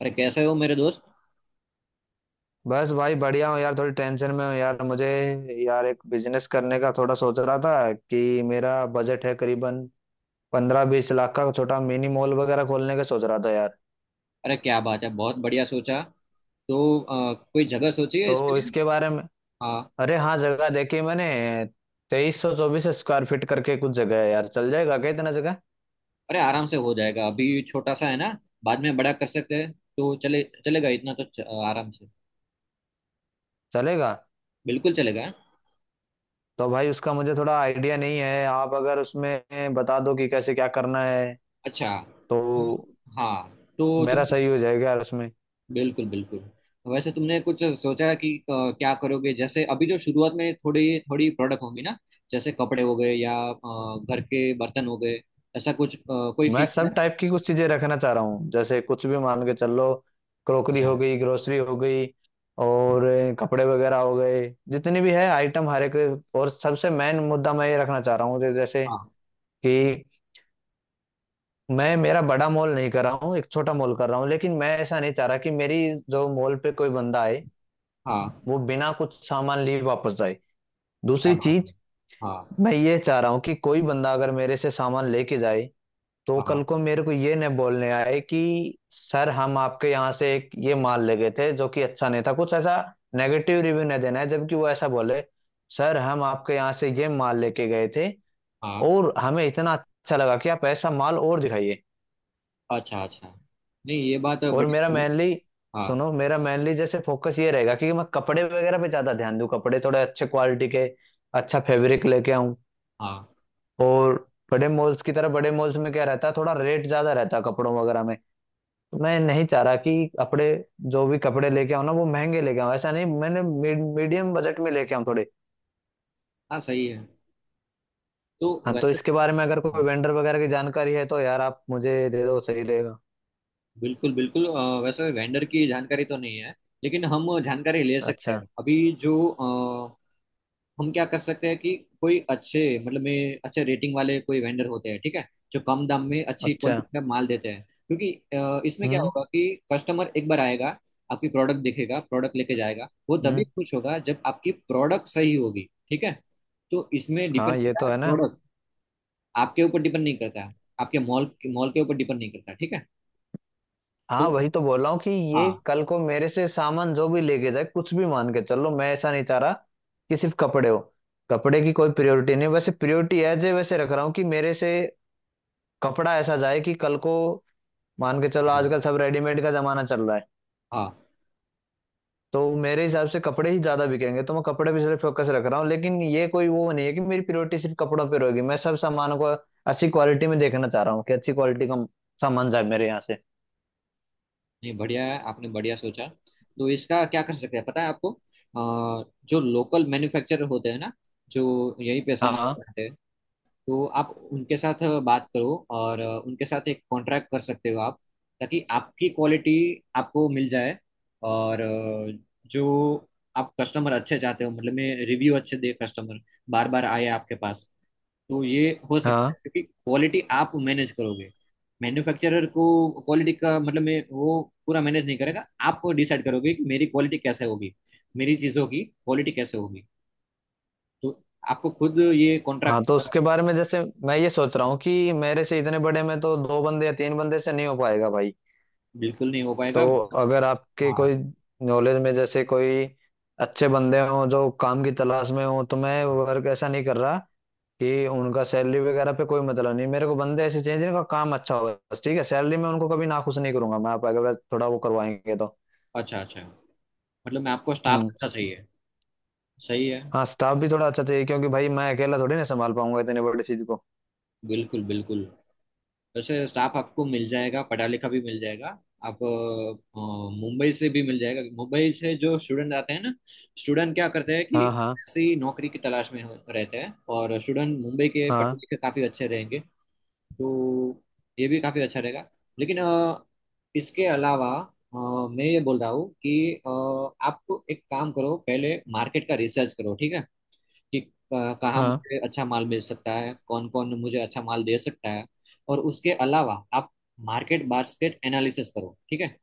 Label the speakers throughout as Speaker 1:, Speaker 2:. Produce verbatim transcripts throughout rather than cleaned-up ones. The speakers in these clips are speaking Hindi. Speaker 1: अरे कैसे हो मेरे दोस्त।
Speaker 2: बस भाई बढ़िया हूँ यार। थोड़ी टेंशन में हूँ यार मुझे। यार एक बिजनेस करने का थोड़ा सोच रहा था कि मेरा बजट है करीबन पंद्रह बीस लाख का। छोटा मिनी मॉल वगैरह खोलने का सोच रहा था यार।
Speaker 1: अरे क्या बात है। बहुत बढ़िया सोचा। तो अ, कोई जगह सोची है इसके
Speaker 2: तो
Speaker 1: लिए?
Speaker 2: इसके बारे में।
Speaker 1: हाँ।
Speaker 2: अरे हाँ, जगह देखी मैंने। तेईस सौ चौबीस स्क्वायर फीट करके कुछ जगह है यार। चल जाएगा क्या इतना जगह?
Speaker 1: अरे आराम से हो जाएगा। अभी छोटा सा है ना। बाद में बड़ा कर सकते हैं, तो चले चलेगा इतना तो च- आराम से।
Speaker 2: चलेगा।
Speaker 1: बिल्कुल चलेगा।
Speaker 2: तो भाई उसका मुझे थोड़ा आइडिया नहीं है। आप अगर उसमें बता दो कि कैसे क्या करना है
Speaker 1: अच्छा।
Speaker 2: तो
Speaker 1: हाँ, तो
Speaker 2: मेरा
Speaker 1: तुम।
Speaker 2: सही हो जाएगा यार उसमें।
Speaker 1: बिल्कुल, बिल्कुल। वैसे तुमने कुछ सोचा है कि अ, क्या करोगे? जैसे अभी जो शुरुआत में थोड़ी थोड़ी प्रोडक्ट होंगी ना, जैसे कपड़े हो गए या अ, घर के बर्तन हो गए। ऐसा कुछ अ, कोई
Speaker 2: मैं
Speaker 1: फिक्स
Speaker 2: सब
Speaker 1: है?
Speaker 2: टाइप की कुछ चीजें रखना चाह रहा हूँ। जैसे कुछ भी मान के चल लो, क्रोकरी
Speaker 1: अच्छा।
Speaker 2: हो गई, ग्रोसरी हो गई और अ, कपड़े वगैरह हो गए, जितनी भी है आइटम हर एक। और सबसे मेन मुद्दा मैं ये रखना चाह रहा हूँ, जै- जैसे
Speaker 1: हाँ,
Speaker 2: कि मैं, मेरा बड़ा मॉल नहीं कर रहा हूँ, एक छोटा मॉल कर रहा हूँ, लेकिन मैं ऐसा नहीं चाह रहा कि मेरी जो मॉल पे कोई बंदा आए
Speaker 1: हाँ।
Speaker 2: वो बिना कुछ सामान लिए वापस जाए।
Speaker 1: क्या
Speaker 2: दूसरी
Speaker 1: बात है।
Speaker 2: चीज,
Speaker 1: हाँ,
Speaker 2: मैं ये चाह रहा हूँ कि कोई बंदा अगर मेरे से सामान लेके जाए, तो कल
Speaker 1: हाँ,
Speaker 2: को मेरे को ये नहीं बोलने आए कि सर हम आपके यहाँ से एक ये माल ले गए थे जो कि अच्छा नहीं था, कुछ ऐसा नेगेटिव रिव्यू नहीं देना है। जबकि वो ऐसा बोले, सर हम आपके यहाँ से ये माल लेके गए थे
Speaker 1: हाँ।
Speaker 2: और हमें इतना अच्छा लगा कि आप ऐसा माल और दिखाइए।
Speaker 1: अच्छा, अच्छा। नहीं, ये बात
Speaker 2: और
Speaker 1: बड़ी
Speaker 2: मेरा
Speaker 1: बड़ी-
Speaker 2: मेनली,
Speaker 1: हाँ,
Speaker 2: सुनो, मेरा मेनली जैसे फोकस ये रहेगा कि मैं कपड़े वगैरह पे ज्यादा ध्यान दूं, कपड़े थोड़े अच्छे क्वालिटी के, अच्छा फैब्रिक लेके आऊं।
Speaker 1: हाँ,
Speaker 2: और बड़े मॉल्स की तरह, बड़े मॉल्स में क्या रहता है, थोड़ा रेट ज्यादा रहता है कपड़ों वगैरह में। मैं नहीं चाह रहा कि कपड़े, जो भी कपड़े लेके आऊं ना वो महंगे लेके आऊं, ऐसा नहीं। मैंने मीडियम बजट में लेके आऊं थोड़े।
Speaker 1: हाँ। सही है। तो
Speaker 2: हाँ, तो
Speaker 1: वैसे।
Speaker 2: इसके बारे में अगर कोई
Speaker 1: हाँ।
Speaker 2: वेंडर वगैरह की जानकारी है तो यार आप मुझे दे दो, सही रहेगा।
Speaker 1: बिल्कुल, बिल्कुल। अ, वैसे वेंडर की जानकारी तो नहीं है, लेकिन हम जानकारी ले सकते
Speaker 2: अच्छा
Speaker 1: हैं। अभी जो हम क्या कर सकते हैं कि कोई अच्छे, मतलब में अच्छे रेटिंग वाले कोई वेंडर होते हैं, ठीक है, जो कम दाम में अच्छी
Speaker 2: अच्छा।
Speaker 1: क्वालिटी का माल देते हैं। क्योंकि अ, इसमें क्या
Speaker 2: हम्म
Speaker 1: होगा कि कस्टमर एक बार आएगा, आपकी प्रोडक्ट देखेगा, प्रोडक्ट लेके जाएगा, वो तभी
Speaker 2: हम्म।
Speaker 1: खुश होगा जब आपकी प्रोडक्ट सही होगी। ठीक है। तो इसमें
Speaker 2: हाँ,
Speaker 1: डिपेंड
Speaker 2: ये
Speaker 1: करता
Speaker 2: तो
Speaker 1: है
Speaker 2: है ना।
Speaker 1: प्रोडक्ट, आपके ऊपर डिपेंड नहीं करता है। आपके मॉल मॉल के ऊपर डिपेंड नहीं करता, ठीक है। तो
Speaker 2: हाँ, वही तो बोल रहा हूँ कि ये
Speaker 1: हाँ,
Speaker 2: कल को मेरे से सामान जो भी लेके जाए, कुछ भी मान के चलो, मैं ऐसा नहीं चाह रहा कि सिर्फ कपड़े हो। कपड़े की कोई प्रायोरिटी नहीं, वैसे प्रायोरिटी एज ए वैसे रख रहा हूँ कि मेरे से कपड़ा ऐसा जाए कि कल को, मान के चलो आजकल सब रेडीमेड का जमाना चल रहा है,
Speaker 1: हाँ।
Speaker 2: तो मेरे हिसाब से कपड़े ही ज्यादा बिकेंगे, तो मैं कपड़े पे सिर्फ फोकस रख रहा हूँ, लेकिन ये कोई वो नहीं है कि मेरी प्रायोरिटी सिर्फ कपड़ों पे रहेगी। मैं सब सामान को अच्छी क्वालिटी में देखना चाह रहा हूँ, कि अच्छी क्वालिटी का सामान जाए मेरे यहाँ से।
Speaker 1: नहीं, बढ़िया है, आपने बढ़िया सोचा। तो इसका क्या कर सकते हैं? पता है आपको अ, जो लोकल मैन्युफैक्चरर होते हैं ना, जो यहीं पे सामान
Speaker 2: हाँ
Speaker 1: बनाते हैं। तो आप उनके साथ बात करो, और अ, उनके साथ एक कॉन्ट्रैक्ट कर सकते हो आप, ताकि आपकी क्वालिटी आपको मिल जाए। और अ, जो आप कस्टमर अच्छे चाहते हो, मतलब मैं रिव्यू अच्छे दे, कस्टमर बार बार आए आपके पास। तो ये हो सकता
Speaker 2: हाँ।
Speaker 1: है, क्योंकि क्वालिटी आप मैनेज करोगे। मैन्युफैक्चरर को क्वालिटी का मतलब मैं वो पूरा मैनेज नहीं करेगा। आप डिसाइड करोगे कि मेरी क्वालिटी कैसे होगी, मेरी चीज़ों की क्वालिटी कैसे होगी। तो आपको खुद ये कॉन्ट्रैक्ट।
Speaker 2: हाँ, तो उसके बारे में जैसे मैं ये सोच रहा हूँ कि मेरे से इतने बड़े में तो दो बंदे या तीन बंदे से नहीं हो पाएगा भाई।
Speaker 1: बिल्कुल नहीं हो पाएगा।
Speaker 2: तो अगर आपके कोई
Speaker 1: हाँ।
Speaker 2: नॉलेज में जैसे कोई अच्छे बंदे हों जो काम की तलाश में हों, तो मैं वर्क ऐसा नहीं कर रहा कि उनका सैलरी वगैरह पे कोई मतलब नहीं। मेरे को बंदे ऐसे चाहिए जिनका काम अच्छा हो बस, ठीक है। सैलरी में उनको कभी नाखुश नहीं करूंगा मैं, आप अगर थोड़ा वो करवाएंगे तो।
Speaker 1: अच्छा, अच्छा। मतलब मैं आपको स्टाफ
Speaker 2: हम्म।
Speaker 1: अच्छा चाहिए। सही है।
Speaker 2: हाँ, स्टाफ भी थोड़ा अच्छा चाहिए क्योंकि भाई मैं अकेला थोड़ी ना संभाल पाऊंगा इतनी बड़ी चीज को।
Speaker 1: बिल्कुल, बिल्कुल। वैसे स्टाफ आपको मिल जाएगा, पढ़ा लिखा भी मिल जाएगा। आप अ, अ, मुंबई से भी मिल जाएगा। मुंबई से जो स्टूडेंट आते हैं ना, स्टूडेंट क्या करते हैं कि
Speaker 2: हाँ हाँ।
Speaker 1: ऐसी नौकरी की तलाश में हो- रहते हैं, और स्टूडेंट मुंबई के पढ़े
Speaker 2: हाँ
Speaker 1: लिखे काफ़ी अच्छे रहेंगे। तो ये भी काफ़ी अच्छा रहेगा। लेकिन अ, इसके अलावा अ, मैं ये बोल रहा हूँ कि अ, आप एक काम करो, पहले मार्केट का रिसर्च करो, ठीक है। कि अ, कहाँ
Speaker 2: हाँ।
Speaker 1: मुझे अच्छा माल मिल सकता है, कौन कौन मुझे अच्छा माल दे सकता है। और उसके अलावा आप मार्केट बास्केट एनालिसिस करो, ठीक है।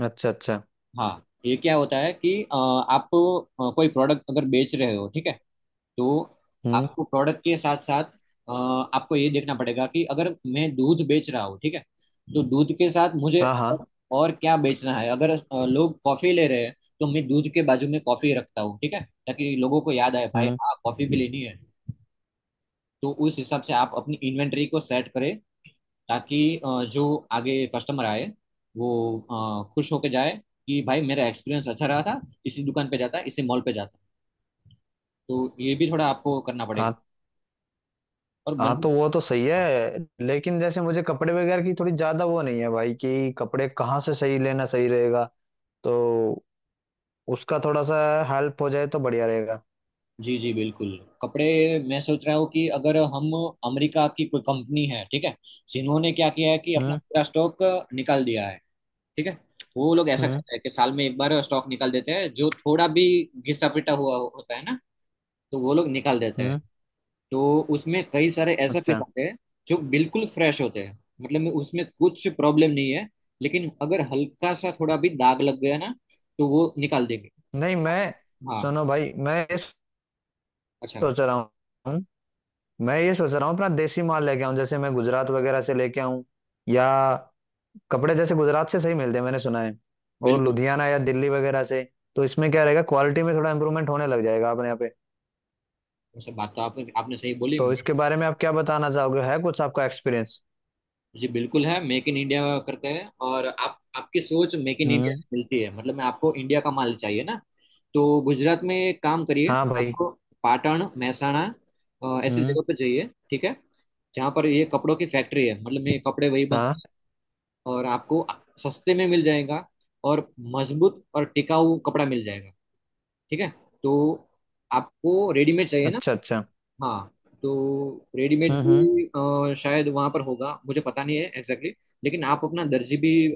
Speaker 2: अच्छा अच्छा।
Speaker 1: हाँ, ये क्या होता है कि अ, आप अ, कोई प्रोडक्ट अगर बेच रहे हो, ठीक है, तो
Speaker 2: हम्म।
Speaker 1: आपको प्रोडक्ट के साथ साथ अ, आपको ये देखना पड़ेगा कि अगर मैं दूध बेच रहा हूँ, ठीक है, तो दूध के साथ मुझे
Speaker 2: हाँ हाँ।
Speaker 1: और क्या बेचना है। अगर अ, लोग कॉफी ले रहे हैं, तो मैं दूध के बाजू में कॉफी रखता हूँ, ठीक है, ताकि लोगों को याद आए, भाई
Speaker 2: हम्म।
Speaker 1: हाँ, कॉफी भी लेनी है। तो उस हिसाब से आप अपनी इन्वेंट्री को सेट करें, ताकि अ, जो आगे कस्टमर आए वो अ, खुश होके जाए, कि भाई मेरा एक्सपीरियंस अच्छा रहा था, इसी दुकान पे जाता, इसी मॉल पे जाता। तो ये भी थोड़ा आपको करना पड़ेगा।
Speaker 2: हाँ।
Speaker 1: और
Speaker 2: हाँ, तो
Speaker 1: बंद।
Speaker 2: वो तो सही है, लेकिन जैसे मुझे कपड़े वगैरह की थोड़ी ज्यादा वो नहीं है भाई, कि कपड़े कहाँ से सही लेना सही रहेगा। तो उसका थोड़ा सा हेल्प हो जाए तो बढ़िया रहेगा।
Speaker 1: जी, जी, बिल्कुल। कपड़े, मैं सोच रहा हूँ कि अगर हम अमेरिका की कोई कंपनी है, ठीक है, जिन्होंने क्या किया है कि अपना
Speaker 2: हम्म।
Speaker 1: पूरा स्टॉक निकाल दिया है, ठीक है। वो लोग ऐसा
Speaker 2: हम्म।
Speaker 1: करते हैं कि साल में एक बार स्टॉक निकाल देते हैं, जो थोड़ा भी घिसा पिटा हुआ होता है ना, तो वो लोग निकाल देते हैं।
Speaker 2: हम्म।
Speaker 1: तो उसमें कई सारे ऐसे पीस
Speaker 2: अच्छा।
Speaker 1: आते हैं जो बिल्कुल फ्रेश होते हैं, मतलब में उसमें कुछ प्रॉब्लम नहीं है, लेकिन अगर हल्का सा थोड़ा भी दाग लग गया ना, तो वो निकाल देंगे।
Speaker 2: नहीं मैं,
Speaker 1: हाँ।
Speaker 2: सुनो भाई, मैं ये
Speaker 1: अच्छा।
Speaker 2: सोच रहा हूँ, मैं ये सोच रहा हूँ अपना देसी माल लेके आऊँ, जैसे मैं गुजरात वगैरह से लेके आऊँ, या कपड़े जैसे गुजरात से सही मिलते हैं मैंने सुना है। और
Speaker 1: बिल्कुल।
Speaker 2: लुधियाना या दिल्ली वगैरह से। तो इसमें क्या रहेगा, क्वालिटी में थोड़ा इम्प्रूवमेंट होने लग जाएगा अपने यहाँ पे।
Speaker 1: वैसे बात तो आप, आपने सही बोली।
Speaker 2: तो इसके बारे में आप क्या बताना चाहोगे, है कुछ आपका एक्सपीरियंस?
Speaker 1: जी बिल्कुल है, मेक इन इंडिया करते हैं, और आप आपकी सोच मेक इन इंडिया
Speaker 2: हम्म।
Speaker 1: से मिलती है। मतलब मैं आपको इंडिया का माल चाहिए ना। तो गुजरात में एक काम करिए।
Speaker 2: हाँ भाई।
Speaker 1: आपको पाटण, महसाणा, अ, ऐसी
Speaker 2: हम्म।
Speaker 1: जगह पर जाइए, ठीक है। जहाँ पर ये कपड़ों की फैक्ट्री है, मतलब ये कपड़े वही
Speaker 2: हाँ।
Speaker 1: बनते। और आपको सस्ते में मिल जाएगा, और मजबूत और टिकाऊ कपड़ा मिल जाएगा। ठीक है। तो आपको रेडीमेड चाहिए ना?
Speaker 2: अच्छा अच्छा।
Speaker 1: हाँ। तो रेडीमेड
Speaker 2: हम्म हम्म।
Speaker 1: भी अ, शायद वहां पर होगा, मुझे पता नहीं है एग्जैक्टली exactly, लेकिन आप अपना दर्जी भी अ,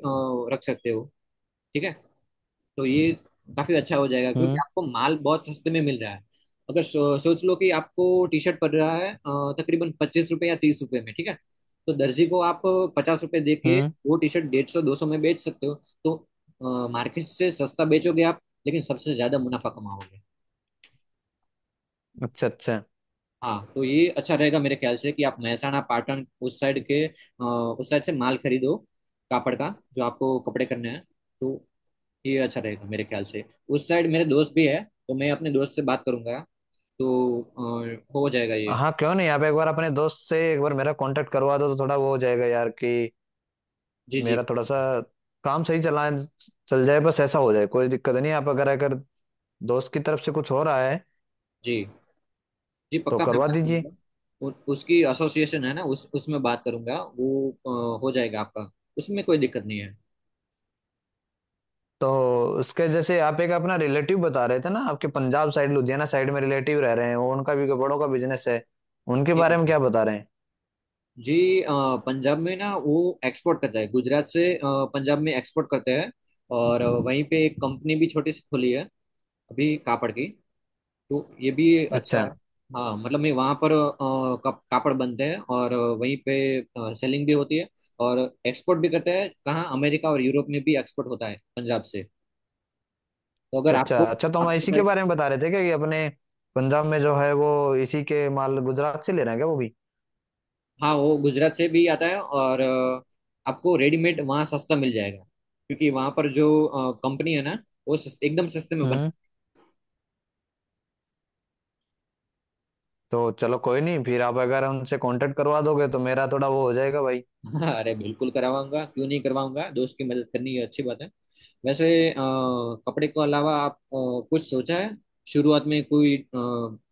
Speaker 1: रख सकते हो। ठीक है। तो ये काफी अच्छा हो जाएगा, क्योंकि
Speaker 2: हम्म
Speaker 1: आपको माल बहुत सस्ते में मिल रहा है। अगर सो, सोच लो कि आपको टी शर्ट पड़ रहा है अ, तकरीबन पच्चीस रुपए या तीस रुपए में, ठीक है। तो दर्जी को आप पचास रुपए दे के
Speaker 2: हम्म।
Speaker 1: वो टी शर्ट डेढ़ सौ दो सौ में बेच सकते हो। तो मार्केट से सस्ता बेचोगे आप, लेकिन सबसे ज्यादा मुनाफा कमाओगे।
Speaker 2: अच्छा अच्छा।
Speaker 1: हाँ, तो ये अच्छा रहेगा मेरे ख्याल से, कि आप महसाणा, पाटन उस साइड के अ, उस साइड से माल खरीदो, कापड़ का, जो आपको कपड़े करने हैं। तो ये अच्छा रहेगा मेरे ख्याल से। उस साइड मेरे दोस्त भी है, तो मैं अपने दोस्त से बात करूंगा, तो अ, हो जाएगा ये।
Speaker 2: हाँ क्यों नहीं, आप एक बार अपने दोस्त से एक बार मेरा कांटेक्ट करवा दो तो थोड़ा वो हो जाएगा यार, कि
Speaker 1: जी, जी।
Speaker 2: मेरा थोड़ा सा काम सही चला, चल जाए बस, ऐसा हो जाए, कोई दिक्कत नहीं। आप अगर अगर दोस्त की तरफ से कुछ हो रहा है
Speaker 1: जी, जी
Speaker 2: तो
Speaker 1: पक्का, मैं
Speaker 2: करवा
Speaker 1: बात
Speaker 2: दीजिए।
Speaker 1: करूंगा। उ, उसकी एसोसिएशन है ना, उस उसमें बात करूंगा, वो अ, हो जाएगा आपका। उसमें कोई दिक्कत नहीं है।
Speaker 2: तो उसके जैसे आप एक अपना रिलेटिव बता रहे थे ना, आपके पंजाब साइड लुधियाना साइड में रिलेटिव रह रहे हैं वो, उनका भी कपड़ों का बिजनेस है, उनके
Speaker 1: जी,
Speaker 2: बारे में क्या बता रहे हैं?
Speaker 1: जी, अ, पंजाब में ना वो एक्सपोर्ट करता है गुजरात से, अ, पंजाब में एक्सपोर्ट करते हैं। और अ, वहीं पे एक कंपनी भी छोटी सी खुली है, अभी कापड़ की। तो ये भी अच्छा
Speaker 2: अच्छा।
Speaker 1: है। हाँ, मतलब मैं वहाँ पर अ, कप, कापड़ बनते हैं, और वहीं पे सेलिंग भी होती है, और एक्सपोर्ट भी करते हैं, कहाँ? अमेरिका और यूरोप में भी एक्सपोर्ट होता है पंजाब से। तो अगर
Speaker 2: अच्छा अच्छा
Speaker 1: आपको
Speaker 2: अच्छा। तो हम
Speaker 1: आपको
Speaker 2: इसी के
Speaker 1: साइड।
Speaker 2: बारे में बता रहे थे क्या, कि अपने पंजाब में जो है वो इसी के माल गुजरात से ले रहे हैं क्या वो भी?
Speaker 1: हाँ, वो गुजरात से भी आता है, और अ, आपको रेडीमेड वहाँ सस्ता मिल जाएगा, क्योंकि वहाँ पर जो कंपनी है ना, वो सस- एकदम सस्ते में।
Speaker 2: हम्म। तो चलो कोई नहीं, फिर आप अगर उनसे कांटेक्ट करवा दोगे तो मेरा थोड़ा वो हो जाएगा भाई।
Speaker 1: हाँ, अरे बिल्कुल करवाऊंगा, क्यों नहीं करवाऊंगा, दोस्त की मदद करनी ये अच्छी बात है। वैसे अ, कपड़े के अलावा आप अ, कुछ सोचा है? शुरुआत में कोई अ,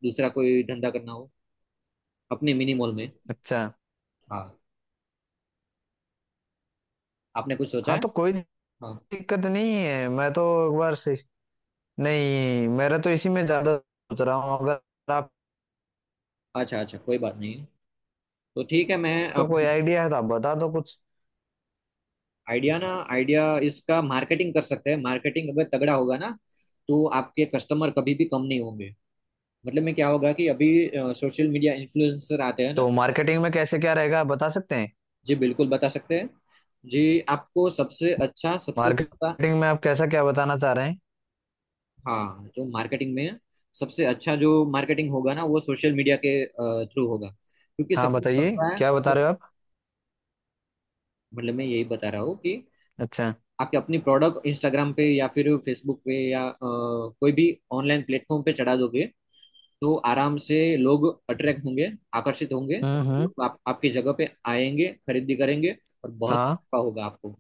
Speaker 1: दूसरा कोई धंधा करना हो अपने मिनी मॉल में।
Speaker 2: अच्छा।
Speaker 1: हाँ। आपने कुछ सोचा
Speaker 2: हाँ,
Speaker 1: है?
Speaker 2: तो कोई
Speaker 1: हाँ।
Speaker 2: दिक्कत नहीं है। मैं तो एक बार से, नहीं, मेरा तो इसी में ज्यादा सोच रहा हूँ। अगर आपका
Speaker 1: अच्छा, अच्छा, कोई बात नहीं। तो ठीक है, मैं आप।
Speaker 2: कोई आइडिया है तो आप बता दो कुछ।
Speaker 1: आइडिया ना आइडिया, इसका मार्केटिंग कर सकते हैं। मार्केटिंग अगर तगड़ा होगा ना, तो आपके कस्टमर कभी भी कम नहीं होंगे। मतलब में क्या होगा कि अभी सोशल मीडिया इन्फ्लुएंसर आते हैं ना।
Speaker 2: तो मार्केटिंग में कैसे क्या रहेगा, आप बता सकते हैं?
Speaker 1: जी बिल्कुल बता सकते हैं। जी, आपको सबसे अच्छा, सबसे सस्ता।
Speaker 2: मार्केटिंग में आप कैसा क्या बताना चाह रहे हैं?
Speaker 1: हाँ, जो मार्केटिंग में है, सबसे अच्छा जो मार्केटिंग होगा ना, वो सोशल मीडिया के थ्रू होगा, क्योंकि
Speaker 2: हाँ
Speaker 1: सबसे
Speaker 2: बताइए,
Speaker 1: सस्ता है।
Speaker 2: क्या बता
Speaker 1: और
Speaker 2: रहे हो आप?
Speaker 1: मतलब मैं यही बता रहा हूँ कि
Speaker 2: अच्छा।
Speaker 1: आपके अपनी प्रोडक्ट इंस्टाग्राम पे या फिर फेसबुक पे या अ, कोई भी ऑनलाइन प्लेटफॉर्म पे चढ़ा दोगे, तो आराम से लोग अट्रैक्ट होंगे, आकर्षित होंगे, और
Speaker 2: हम्म हम्म।
Speaker 1: लोग आप, आपकी जगह पे आएंगे, खरीदी करेंगे, और बहुत
Speaker 2: हाँ।
Speaker 1: नफा होगा आपको।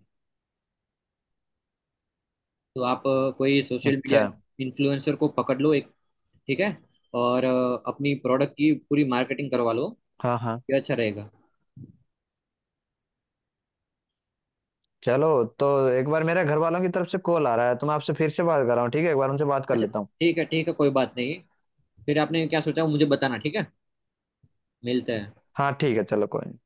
Speaker 1: तो आप अ, कोई सोशल
Speaker 2: अच्छा।
Speaker 1: मीडिया इन्फ्लुएंसर को पकड़ लो एक, ठीक है, और अ, अपनी प्रोडक्ट की पूरी मार्केटिंग करवा लो।
Speaker 2: हाँ हाँ।
Speaker 1: ये अच्छा रहेगा।
Speaker 2: चलो। तो एक बार मेरे घर वालों की तरफ से कॉल आ रहा है, तो मैं आपसे फिर से बात कर रहा हूँ। ठीक है, एक बार उनसे बात कर
Speaker 1: अच्छा,
Speaker 2: लेता हूँ।
Speaker 1: ठीक है, ठीक है, कोई बात नहीं। फिर आपने क्या सोचा वो मुझे बताना, ठीक है। मिलते हैं।
Speaker 2: हाँ ठीक है चलो कोई नहीं।